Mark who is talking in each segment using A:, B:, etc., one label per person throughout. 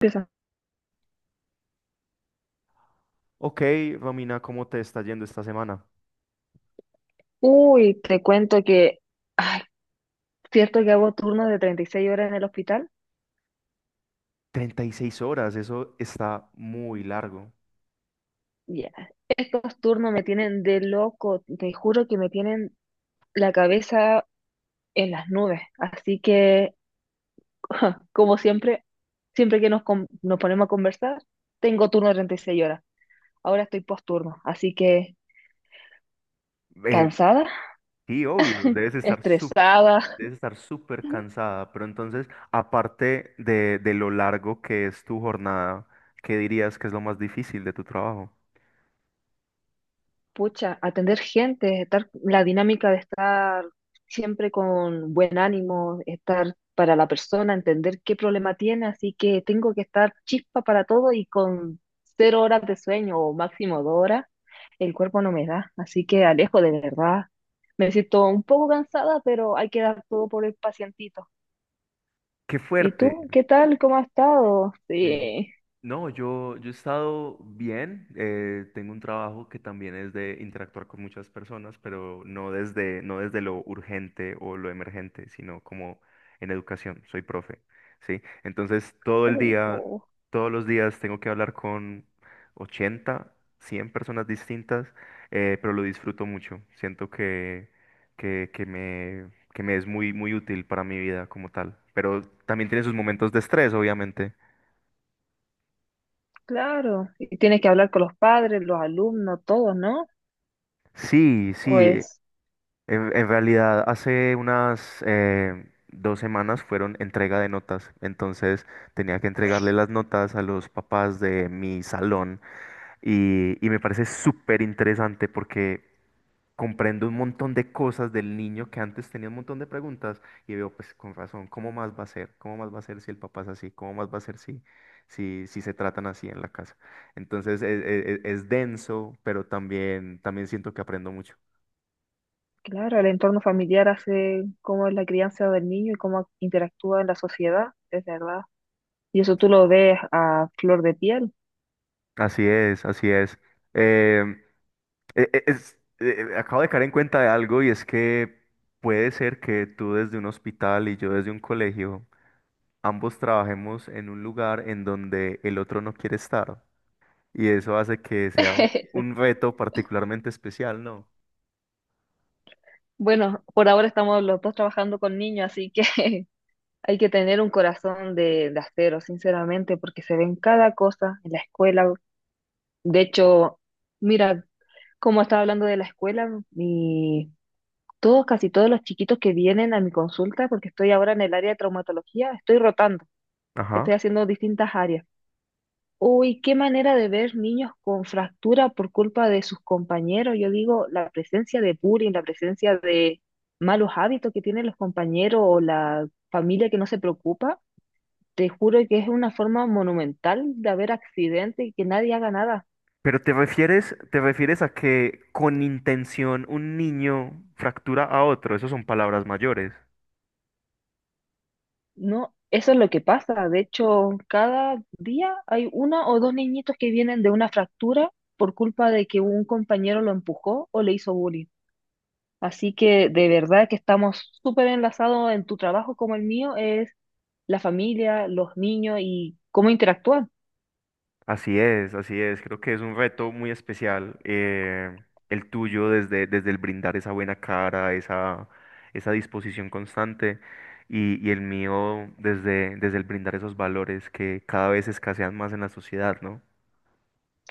A: Empieza.
B: Ok, Romina, ¿cómo te está yendo esta semana?
A: Uy, te cuento que, ay, cierto que hago turnos de 36 horas en el hospital.
B: 36 horas, eso está muy largo.
A: Ya. Estos turnos me tienen de loco, te juro que me tienen la cabeza en las nubes. Así que, como siempre, siempre que nos ponemos a conversar, tengo turno de 36 horas. Ahora estoy posturno, así que
B: Eh,
A: cansada,
B: sí, obvio,
A: estresada.
B: debes estar súper cansada, pero entonces, aparte de lo largo que es tu jornada, ¿qué dirías que es lo más difícil de tu trabajo?
A: Pucha, atender gente, estar, la dinámica de estar siempre con buen ánimo, estar para la persona, entender qué problema tiene, así que tengo que estar chispa para todo y con 0 horas de sueño o máximo 2 horas, el cuerpo no me da, así que Alejo, de verdad, me siento un poco cansada, pero hay que dar todo por el pacientito.
B: ¡Qué
A: ¿Y
B: fuerte!
A: tú, qué tal? ¿Cómo has estado?
B: Eh,
A: Sí,
B: no, yo, Yo he estado bien. Tengo un trabajo que también es de interactuar con muchas personas, pero no desde lo urgente o lo emergente, sino como en educación. Soy profe, ¿sí? Entonces, todo el
A: Uh,
B: día,
A: uh,
B: todos los días tengo que hablar con 80, 100 personas distintas, pero lo disfruto mucho. Siento que que me es muy útil para mi vida como tal. Pero también tiene sus momentos de estrés, obviamente.
A: claro, y tienes que hablar con los padres, los alumnos, todos, ¿no?
B: Sí,
A: Pues.
B: en realidad hace unas 2 semanas fueron entrega de notas, entonces tenía que entregarle las notas a los papás de mi salón y me parece súper interesante porque comprendo un montón de cosas del niño que antes tenía un montón de preguntas y veo pues con razón, ¿cómo más va a ser? ¿Cómo más va a ser si el papá es así? ¿Cómo más va a ser si se tratan así en la casa? Entonces es denso, pero también, también siento que aprendo mucho.
A: Claro, el entorno familiar hace cómo es la crianza del niño y cómo interactúa en la sociedad, es verdad. Y eso tú lo ves a flor de piel.
B: Así es, así es. Em, Acabo de caer en cuenta de algo y es que puede ser que tú desde un hospital y yo desde un colegio, ambos trabajemos en un lugar en donde el otro no quiere estar. Y eso hace que sea un reto particularmente especial, ¿no?
A: Bueno, por ahora estamos los dos trabajando con niños, así que hay que tener un corazón de acero, sinceramente, porque se ven cada cosa en la escuela. De hecho, mira, como estaba hablando de la escuela, casi todos los chiquitos que vienen a mi consulta, porque estoy ahora en el área de traumatología, estoy rotando,
B: Ajá.
A: estoy haciendo distintas áreas. Uy, qué manera de ver niños con fractura por culpa de sus compañeros. Yo digo, la presencia de bullying, la presencia de malos hábitos que tienen los compañeros o la familia que no se preocupa, te juro que es una forma monumental de haber accidentes y que nadie haga nada.
B: Pero te refieres a que con intención un niño fractura a otro, esas son palabras mayores.
A: No, eso es lo que pasa. De hecho, cada día hay una o dos niñitos que vienen de una fractura por culpa de que un compañero lo empujó o le hizo bullying. Así que de verdad que estamos súper enlazados en tu trabajo como el mío, es la familia, los niños y cómo interactúan.
B: Así es, así es. Creo que es un reto muy especial el tuyo desde el brindar esa buena cara, esa disposición constante y el mío desde el brindar esos valores que cada vez escasean más en la sociedad, ¿no?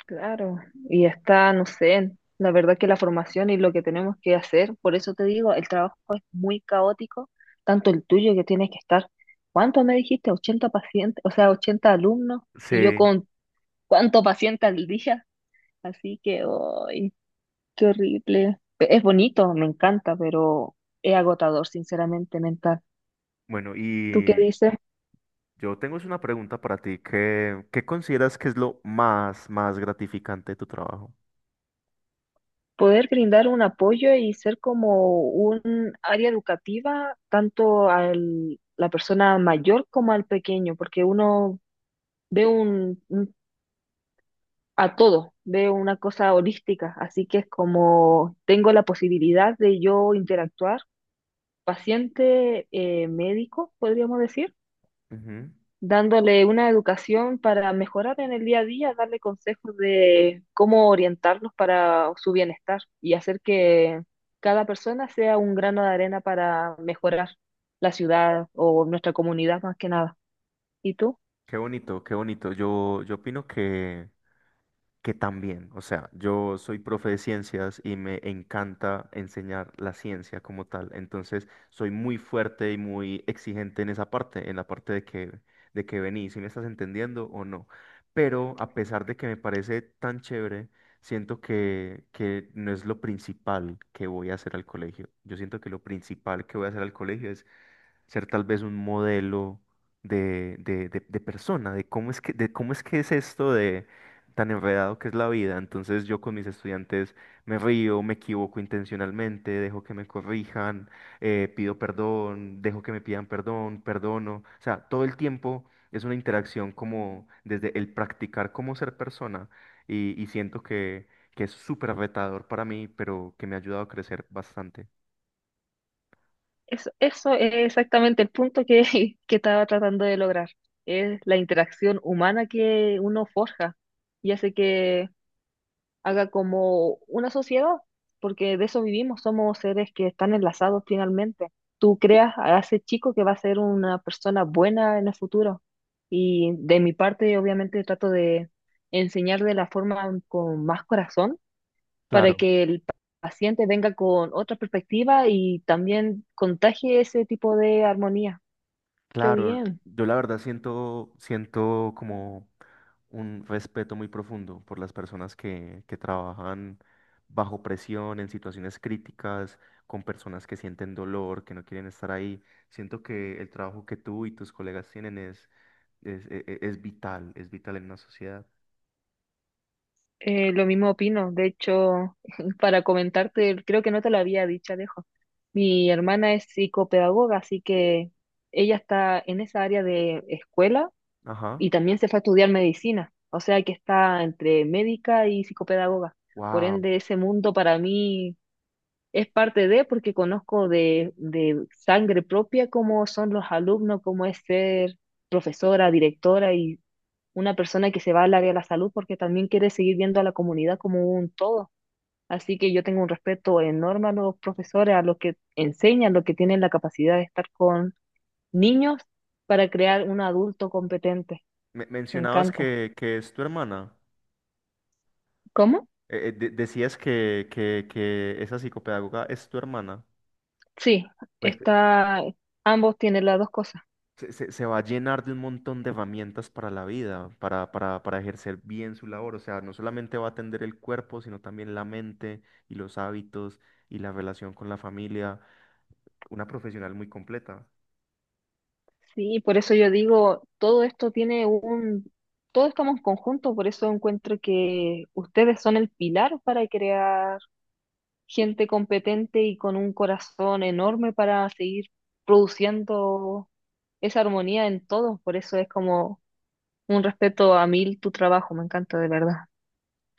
A: Claro, y está, no sé, la verdad que la formación y lo que tenemos que hacer, por eso te digo, el trabajo es muy caótico, tanto el tuyo que tienes que estar, ¿cuánto me dijiste? 80 pacientes, o sea, 80 alumnos, y yo
B: Sí,
A: con cuánto paciente al día, así que, ¡ay, qué horrible! Es bonito, me encanta, pero es agotador, sinceramente, mental.
B: bueno,
A: ¿Tú qué
B: y
A: dices?
B: yo tengo es una pregunta para ti. Qué consideras que es más gratificante de tu trabajo?
A: Poder brindar un apoyo y ser como un área educativa tanto a la persona mayor como al pequeño, porque uno ve a todo, ve una cosa holística, así que es como tengo la posibilidad de yo interactuar, paciente médico, podríamos decir
B: Ujú.
A: dándole una educación para mejorar en el día a día, darle consejos de cómo orientarlos para su bienestar y hacer que cada persona sea un grano de arena para mejorar la ciudad o nuestra comunidad más que nada. ¿Y tú?
B: Qué bonito, qué bonito. Yo opino que también, o sea, yo soy profe de ciencias y me encanta enseñar la ciencia como tal, entonces soy muy fuerte y muy exigente en esa parte, en la parte de que vení, si me estás entendiendo o no. Pero a pesar de que me parece tan chévere, siento que no es lo principal que voy a hacer al colegio. Yo siento que lo principal que voy a hacer al colegio es ser tal vez un modelo de persona, de cómo es que es esto de tan enredado que es la vida. Entonces yo con mis estudiantes me río, me equivoco intencionalmente, dejo que me corrijan, pido perdón, dejo que me pidan perdón, perdono. O sea, todo el tiempo es una interacción como desde el practicar cómo ser persona y siento que es súper retador para mí, pero que me ha ayudado a crecer bastante.
A: Eso es exactamente el punto que, que estaba tratando de lograr. Es la interacción humana que uno forja y hace que haga como una sociedad, porque de eso vivimos, somos seres que están enlazados finalmente. Tú creas a ese chico que va a ser una persona buena en el futuro. Y de mi parte, obviamente, trato de enseñar de la forma con más corazón para
B: Claro.
A: que el paciente venga con otra perspectiva y también contagie ese tipo de armonía. Qué
B: Claro,
A: bien.
B: yo la verdad siento, siento como un respeto muy profundo por las personas que trabajan bajo presión, en situaciones críticas, con personas que sienten dolor, que no quieren estar ahí. Siento que el trabajo que tú y tus colegas tienen es vital en una sociedad.
A: Lo mismo opino. De hecho, para comentarte, creo que no te lo había dicho, Alejo. Mi hermana es psicopedagoga, así que ella está en esa área de escuela
B: Ajá.
A: y también se fue a estudiar medicina. O sea que está entre médica y psicopedagoga. Por
B: Wow.
A: ende, ese mundo para mí es parte de, porque conozco de sangre propia cómo son los alumnos, cómo es ser profesora, directora, una persona que se va al área de la salud porque también quiere seguir viendo a la comunidad como un todo. Así que yo tengo un respeto enorme a los profesores, a los que enseñan, los que tienen la capacidad de estar con niños para crear un adulto competente. Me
B: Mencionabas
A: encanta.
B: que es tu hermana.
A: ¿Cómo?
B: Decías que esa psicopedagoga es tu hermana.
A: Sí,
B: Pues.
A: está, ambos tienen las dos cosas.
B: Se va a llenar de un montón de herramientas para la vida, para ejercer bien su labor. O sea, no solamente va a atender el cuerpo, sino también la mente y los hábitos y la relación con la familia. Una profesional muy completa.
A: Sí, por eso yo digo, todo esto tiene un, todo estamos en conjunto, por eso encuentro que ustedes son el pilar para crear gente competente y con un corazón enorme para seguir produciendo esa armonía en todos. Por eso es como un respeto a mil tu trabajo, me encanta de verdad.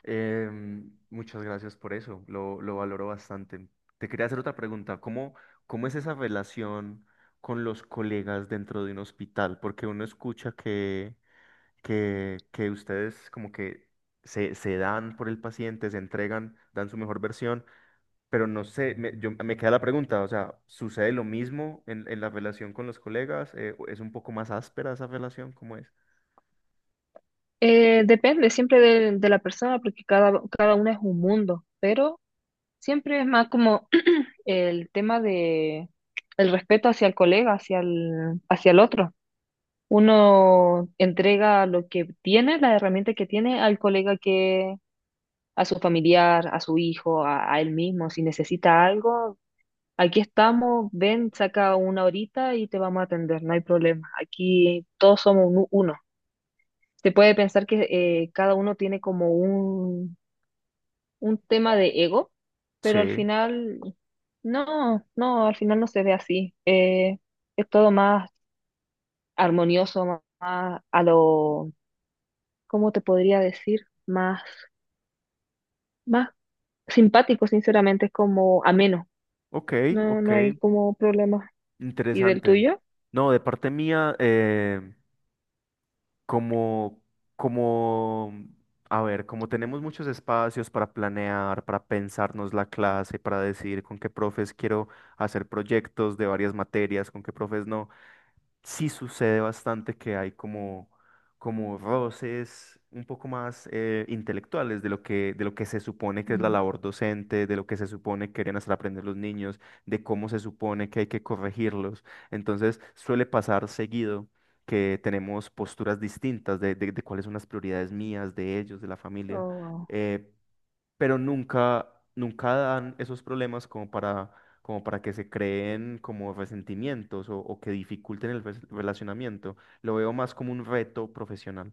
B: Muchas gracias por eso, lo valoro bastante. Te quería hacer otra pregunta. Cómo es esa relación con los colegas dentro de un hospital? Porque uno escucha que ustedes como que se dan por el paciente, se entregan, dan su mejor versión, pero no sé, me queda la pregunta, o sea, ¿sucede lo mismo en la relación con los colegas? ¿Es un poco más áspera esa relación? ¿Cómo es?
A: Depende siempre de la persona porque cada una es un mundo, pero siempre es más como el tema de el respeto hacia el colega, hacia el otro. Uno entrega lo que tiene, la herramienta que tiene al colega, a su familiar, a su hijo, a él mismo. Si necesita algo, aquí estamos, ven, saca una horita y te vamos a atender, no hay problema. Aquí todos somos uno. Se puede pensar que cada uno tiene como un tema de ego, pero al
B: Sí,
A: final, no, no, al final no se ve así. Es todo más armonioso, más, más a lo, ¿cómo te podría decir? Más, más simpático, sinceramente, es como ameno.
B: ok,
A: No,
B: ok,
A: no hay como problema. ¿Y del
B: interesante.
A: tuyo?
B: No, de parte mía, como, como, a ver, como tenemos muchos espacios para planear, para pensarnos la clase, para decidir con qué profes quiero hacer proyectos de varias materias, con qué profes no sí sucede bastante que hay como, como roces un poco más intelectuales de lo que se supone que es la
A: Mm.
B: labor docente, de lo que se supone que deberían hacer aprender los niños, de cómo se supone que hay que corregirlos. Entonces suele pasar seguido que tenemos posturas distintas de cuáles son las prioridades mías, de ellos, de la familia.
A: Oh,
B: Eh, pero nunca, nunca dan esos problemas como para, como para que se creen como resentimientos o que dificulten el relacionamiento. Lo veo más como un reto profesional.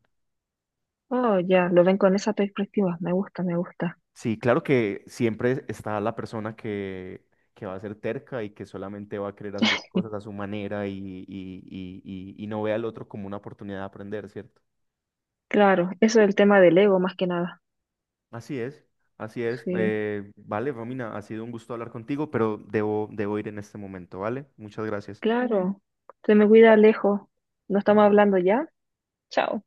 A: oh, ya, lo ven con esa perspectiva. Me gusta, me gusta.
B: Sí, claro que siempre está la persona que va a ser terca y que solamente va a querer hacer las cosas a su manera y, y, y no ve al otro como una oportunidad de aprender, ¿cierto?
A: Claro, eso es el tema del ego más que nada.
B: Así es, así es.
A: Sí. Mm.
B: Vale, Romina, ha sido un gusto hablar contigo, pero debo ir en este momento, ¿vale? Muchas gracias.
A: Claro. Se me cuida, Alejo. ¿No estamos
B: Chao.
A: hablando ya? Chao.